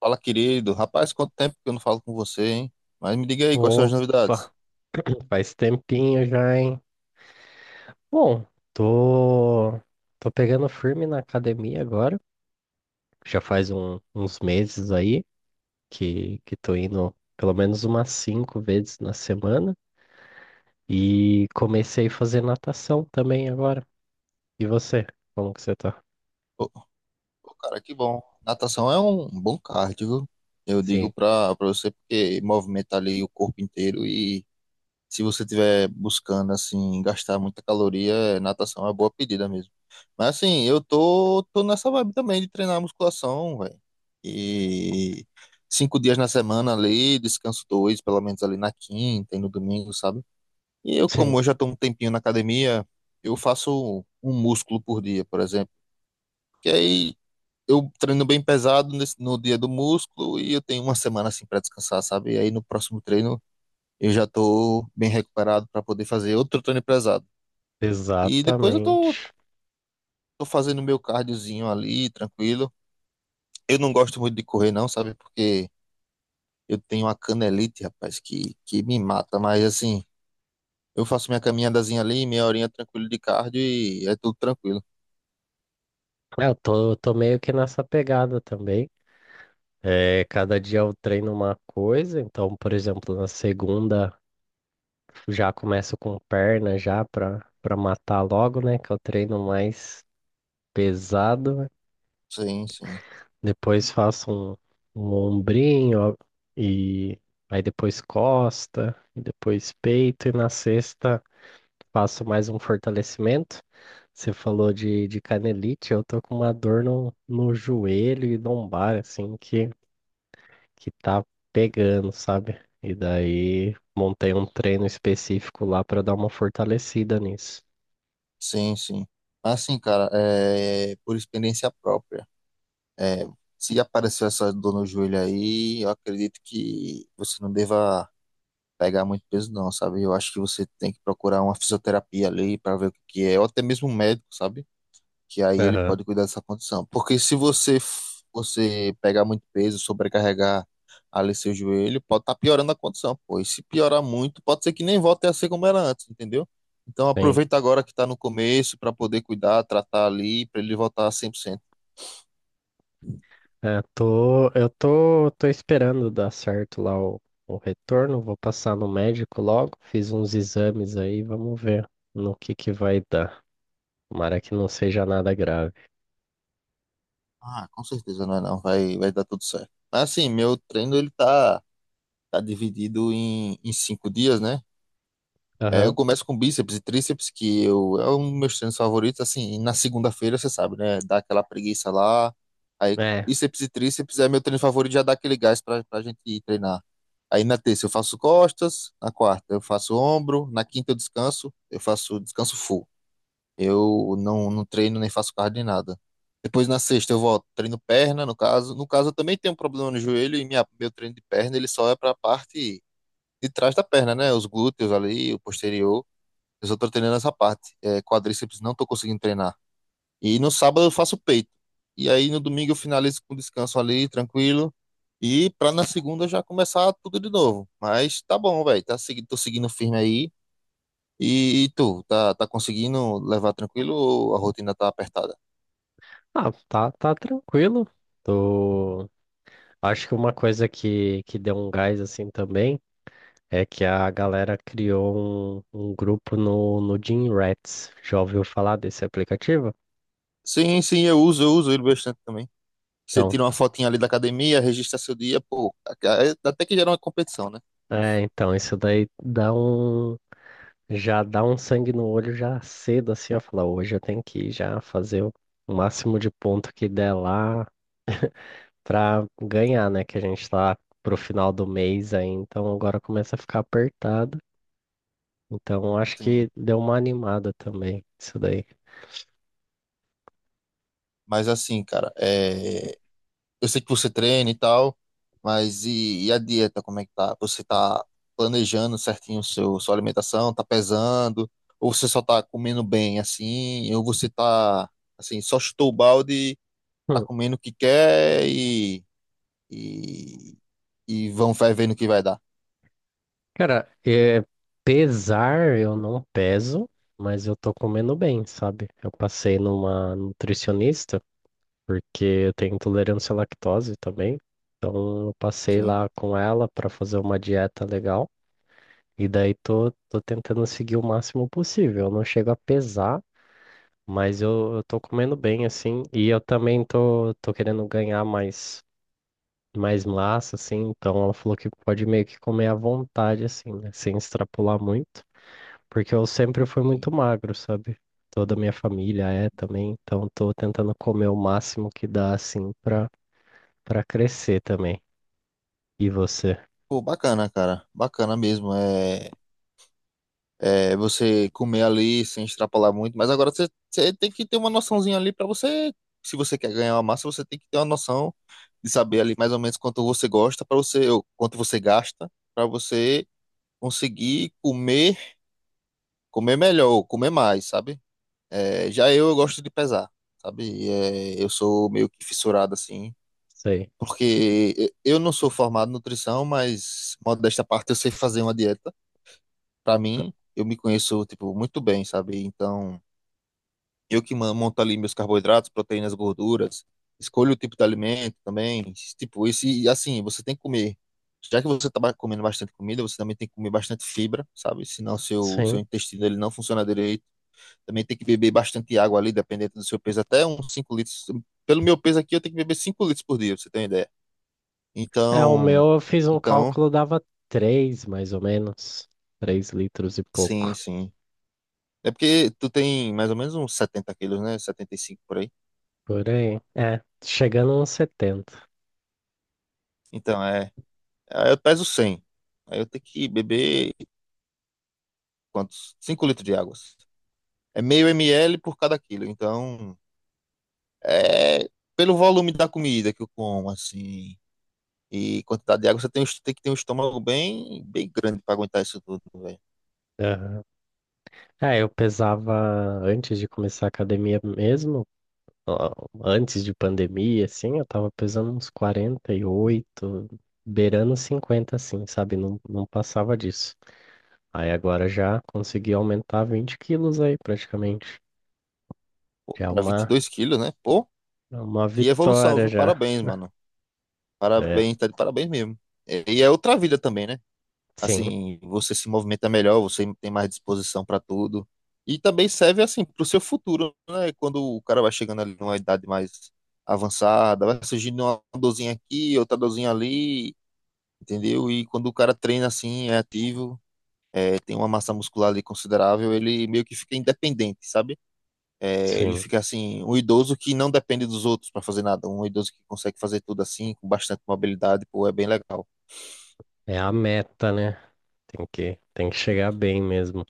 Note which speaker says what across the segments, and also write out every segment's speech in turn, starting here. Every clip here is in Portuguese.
Speaker 1: Fala, querido. Rapaz, quanto tempo que eu não falo com você, hein? Mas me diga aí, quais são as
Speaker 2: Opa,
Speaker 1: novidades?
Speaker 2: faz tempinho já, hein? Bom, tô, tô pegando firme na academia agora. Já faz uns meses aí que tô indo pelo menos umas cinco vezes na semana. E comecei a fazer natação também agora. E você? Como que você tá?
Speaker 1: Pô, pô, cara, que bom. Natação é um bom cardio, viu? Eu digo
Speaker 2: Sim,
Speaker 1: pra você porque movimenta ali o corpo inteiro e se você estiver buscando, assim, gastar muita caloria, natação é uma boa pedida mesmo. Mas, assim, eu tô nessa vibe também de treinar musculação, velho. E 5 dias na semana ali, descanso dois, pelo menos ali na quinta e no domingo, sabe? E eu,
Speaker 2: sim,
Speaker 1: como eu já estou um tempinho na academia, eu faço um músculo por dia, por exemplo. Que aí eu treino bem pesado no dia do músculo e eu tenho uma semana assim para descansar, sabe? E aí no próximo treino eu já estou bem recuperado para poder fazer outro treino pesado. E depois eu tô,
Speaker 2: exatamente.
Speaker 1: tô fazendo meu cardiozinho ali, tranquilo. Eu não gosto muito de correr não, sabe? Porque eu tenho uma canelite, rapaz, que me mata. Mas assim, eu faço minha caminhadazinha ali, meia horinha tranquilo de cardio e é tudo tranquilo.
Speaker 2: É, eu tô meio que nessa pegada também. É, cada dia eu treino uma coisa, então, por exemplo, na segunda. Já começo com perna já para matar logo, né? Que é o treino mais pesado, né?
Speaker 1: Sim, sim.
Speaker 2: Depois faço um ombrinho ó, e aí depois costa, e depois peito e na sexta faço mais um fortalecimento. Você falou de canelite, eu tô com uma dor no joelho e lombar, assim, que tá pegando, sabe? E daí montei um treino específico lá para dar uma fortalecida nisso.
Speaker 1: Sim, sim. Assim, cara, é por experiência própria. É, se apareceu essa dor no joelho aí, eu acredito que você não deva pegar muito peso, não, sabe? Eu acho que você tem que procurar uma fisioterapia ali para ver o que que é, ou até mesmo um médico, sabe? Que aí ele
Speaker 2: Aham,
Speaker 1: pode cuidar dessa condição. Porque se você pegar muito peso, sobrecarregar ali seu joelho, pode estar piorando a condição, pô. E se piorar muito, pode ser que nem volte a ser como era antes, entendeu? Então
Speaker 2: sim.
Speaker 1: aproveita agora que está no começo para poder cuidar, tratar ali, para ele voltar a 100%.
Speaker 2: É, tô, eu tô esperando dar certo lá o retorno. Vou passar no médico logo. Fiz uns exames aí, vamos ver no que vai dar. Tomara que não seja nada grave.
Speaker 1: Ah, com certeza não é não, vai, vai dar tudo certo. Mas assim, meu treino ele tá dividido em, em cinco dias, né? É, eu
Speaker 2: Aham,
Speaker 1: começo com bíceps e tríceps, que eu, é um dos meus treinos favoritos, assim, e na segunda-feira, você sabe, né? Dá aquela preguiça lá, aí
Speaker 2: é.
Speaker 1: bíceps e tríceps é meu treino favorito, já dá aquele gás pra gente ir treinar. Aí na terça eu faço costas, na quarta eu faço ombro, na quinta eu descanso, eu faço descanso full. Eu não treino nem faço cardio nem nada. Depois na sexta eu volto, treino perna, no caso. No caso eu também tenho um problema no joelho e minha, meu treino de perna ele só é pra parte de trás da perna, né? Os glúteos ali, o posterior. Eu só tô treinando essa parte. É, quadríceps não tô conseguindo treinar. E no sábado eu faço peito. E aí no domingo eu finalizo com descanso ali, tranquilo. E pra na segunda já começar tudo de novo. Mas tá bom, velho. Tô seguindo firme aí. E tu, tá conseguindo levar tranquilo ou a rotina tá apertada?
Speaker 2: Ah, tá tranquilo. Tô. Acho que uma coisa que deu um gás assim também é que a galera criou um grupo no Gym Rats. Já ouviu falar desse aplicativo?
Speaker 1: Sim, sim, eu uso ele bastante também. Você
Speaker 2: Então,
Speaker 1: tira uma fotinha ali da academia, registra seu dia, pô, até que gera uma competição, né?
Speaker 2: é, então, isso daí dá um Já dá um sangue no olho já cedo, assim, ó, falar, hoje eu tenho que ir já fazer o máximo de ponto que der lá pra ganhar, né? Que a gente tá pro final do mês aí, então agora começa a ficar apertado. Então acho
Speaker 1: Sim.
Speaker 2: que deu uma animada também, isso daí.
Speaker 1: Mas assim, cara, é, eu sei que você treina e tal, mas e a dieta, como é que tá? Você tá planejando certinho o sua alimentação, tá pesando, ou você só tá comendo bem assim, ou você tá assim, só chutou o balde, tá
Speaker 2: Hum.
Speaker 1: comendo o que quer e, e vão vai vendo o que vai dar.
Speaker 2: Cara, é, pesar eu não peso, mas eu tô comendo bem, sabe? Eu passei numa nutricionista, porque eu tenho intolerância à lactose também. Então eu passei
Speaker 1: Sim.
Speaker 2: lá com ela para fazer uma dieta legal e daí tô tentando seguir o máximo possível. Eu não chego a pesar, mas eu tô comendo bem assim e eu também tô querendo ganhar mais massa assim, então ela falou que pode meio que comer à vontade assim, né, sem extrapolar muito, porque eu sempre fui muito magro, sabe? Toda a minha família é também, então tô tentando comer o máximo que dá assim pra crescer também. E você?
Speaker 1: Pô, bacana, cara. Bacana mesmo. É, é você comer ali sem extrapolar muito, mas agora você, você tem que ter uma noçãozinha ali pra você. Se você quer ganhar uma massa, você tem que ter uma noção de saber ali mais ou menos quanto você gosta para você, ou quanto você gasta para você conseguir comer, comer melhor, ou comer mais, sabe? É, eu gosto de pesar, sabe? É, eu sou meio que fissurado assim,
Speaker 2: Sei.
Speaker 1: porque eu não sou formado em nutrição, mas modo desta parte eu sei fazer uma dieta. Para mim, eu me conheço tipo muito bem, sabe? Então eu que monto ali meus carboidratos, proteínas, gorduras, escolho o tipo de alimento também. Tipo, esse, assim, você tem que comer. Já que você está comendo bastante comida, você também tem que comer bastante fibra, sabe? Senão seu
Speaker 2: Sim.
Speaker 1: intestino ele não funciona direito. Também tem que beber bastante água ali, dependendo do seu peso, até uns 5 litros. Pelo meu peso aqui, eu tenho que beber 5 litros por dia, pra você ter uma ideia.
Speaker 2: É, o
Speaker 1: Então,
Speaker 2: meu eu fiz um
Speaker 1: então,
Speaker 2: cálculo, dava 3 mais ou menos. 3 litros e
Speaker 1: sim,
Speaker 2: pouco.
Speaker 1: sim. É porque tu tem mais ou menos uns 70 quilos, né? 75 por aí.
Speaker 2: Por aí. É, chegando a uns 70.
Speaker 1: Então, é. Aí eu peso 100, aí eu tenho que beber quantos? 5 litros de água. É meio ml por cada quilo. Então, é pelo volume da comida que eu como, assim, e quantidade de água, você tem, tem que ter um estômago bem, bem grande para aguentar isso tudo, velho.
Speaker 2: Aham. É, eu pesava antes de começar a academia mesmo, ó, antes de pandemia, assim, eu tava pesando uns 48, beirando 50 assim, sabe? Não, não passava disso. Aí agora já consegui aumentar 20 quilos aí, praticamente. Já é
Speaker 1: Era vinte e dois quilos, né? Pô,
Speaker 2: Uma
Speaker 1: que evolução,
Speaker 2: vitória
Speaker 1: viu?
Speaker 2: já.
Speaker 1: Parabéns, mano.
Speaker 2: É,
Speaker 1: Parabéns, tá de parabéns mesmo. E é outra vida também, né?
Speaker 2: sim,
Speaker 1: Assim, você se movimenta melhor, você tem mais disposição para tudo. E também serve assim para o seu futuro, né? Quando o cara vai chegando ali numa idade mais avançada, vai surgindo uma dorzinha aqui, outra dorzinha ali, entendeu? E quando o cara treina assim, é ativo, é, tem uma massa muscular ali considerável, ele meio que fica independente, sabe? É, ele
Speaker 2: sim.
Speaker 1: fica assim, um idoso que não depende dos outros para fazer nada, um idoso que consegue fazer tudo assim, com bastante mobilidade, pô, é bem legal.
Speaker 2: É a meta, né? Tem que chegar bem mesmo.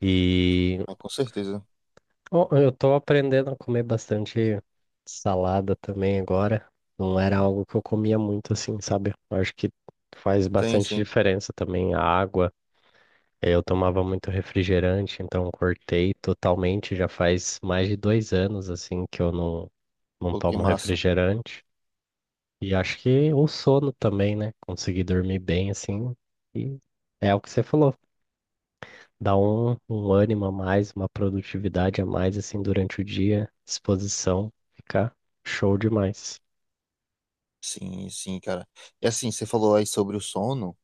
Speaker 2: E
Speaker 1: Ah, com certeza.
Speaker 2: ó, eu tô aprendendo a comer bastante salada também agora. Não era algo que eu comia muito assim, sabe? Eu acho que faz
Speaker 1: Sim,
Speaker 2: bastante
Speaker 1: sim.
Speaker 2: diferença também a água. É, eu tomava muito refrigerante, então cortei totalmente. Já faz mais de 2 anos assim que eu não
Speaker 1: Pô, que
Speaker 2: tomo
Speaker 1: massa.
Speaker 2: refrigerante. E acho que o sono também, né? Conseguir dormir bem, assim. E é o que você falou. Dá um ânimo a mais, uma produtividade a mais, assim, durante o dia, disposição. Fica show demais.
Speaker 1: Sim, sim, cara. E assim, você falou aí sobre o sono.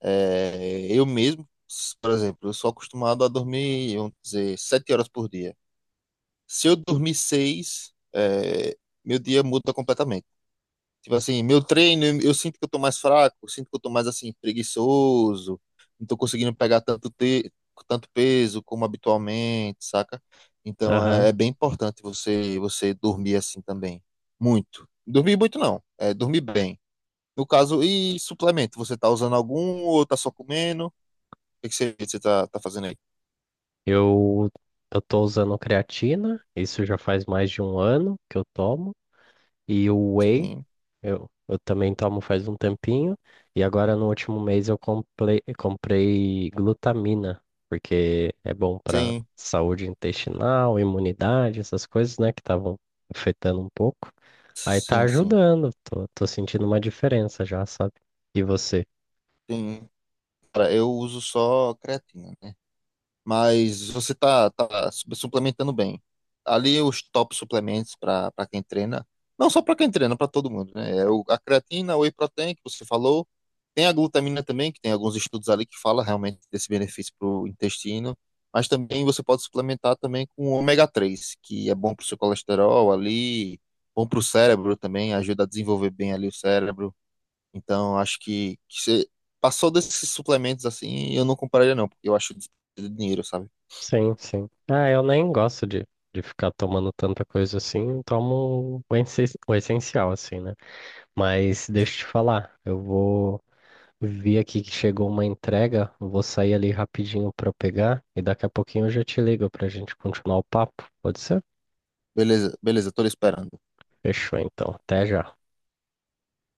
Speaker 1: É, eu mesmo, por exemplo, eu sou acostumado a dormir, vamos dizer, 7 horas por dia. Se eu dormir seis, é, meu dia muda completamente. Tipo assim, meu treino, eu sinto que eu tô mais fraco, eu sinto que eu tô mais assim, preguiçoso, não tô conseguindo pegar tanto, tanto peso como habitualmente, saca? Então é, é
Speaker 2: Aham.
Speaker 1: bem importante você dormir assim também. Muito. Dormir muito não, é dormir bem. No caso, e suplemento? Você tá usando algum ou tá só comendo? O que que você tá fazendo aí?
Speaker 2: Eu, eu tô usando creatina, isso já faz mais de um ano que eu tomo. E o whey
Speaker 1: Sim,
Speaker 2: eu também tomo faz um tempinho e agora no último mês eu comprei glutamina, porque é bom para
Speaker 1: sim,
Speaker 2: saúde intestinal, imunidade, essas coisas, né, que estavam afetando um pouco. Aí tá
Speaker 1: sim, sim,
Speaker 2: ajudando, tô sentindo uma diferença já, sabe? E você?
Speaker 1: sim. Cara, eu uso só creatina, né? Mas você tá suplementando bem. Ali os top suplementos para quem treina, não só para quem treina, para todo mundo, né? É o, a creatina, o whey protein que você falou, tem a glutamina também, que tem alguns estudos ali que fala realmente desse benefício para o intestino, mas também você pode suplementar também com o ômega 3 que é bom para o seu colesterol ali, bom para o cérebro também, ajuda a desenvolver bem ali o cérebro. Então, acho que você passou desses suplementos assim, eu não compraria não, porque eu acho desperdício de dinheiro, sabe?
Speaker 2: Sim, sim. Ah, eu nem gosto de ficar tomando tanta coisa assim, tomo o o essencial, assim, né? Mas deixa eu te falar, eu vou. Vi aqui que chegou uma entrega, vou sair ali rapidinho para pegar e daqui a pouquinho eu já te ligo para a gente continuar o papo. Pode ser?
Speaker 1: Beleza, beleza, tô lhe esperando.
Speaker 2: Fechou então. Até já.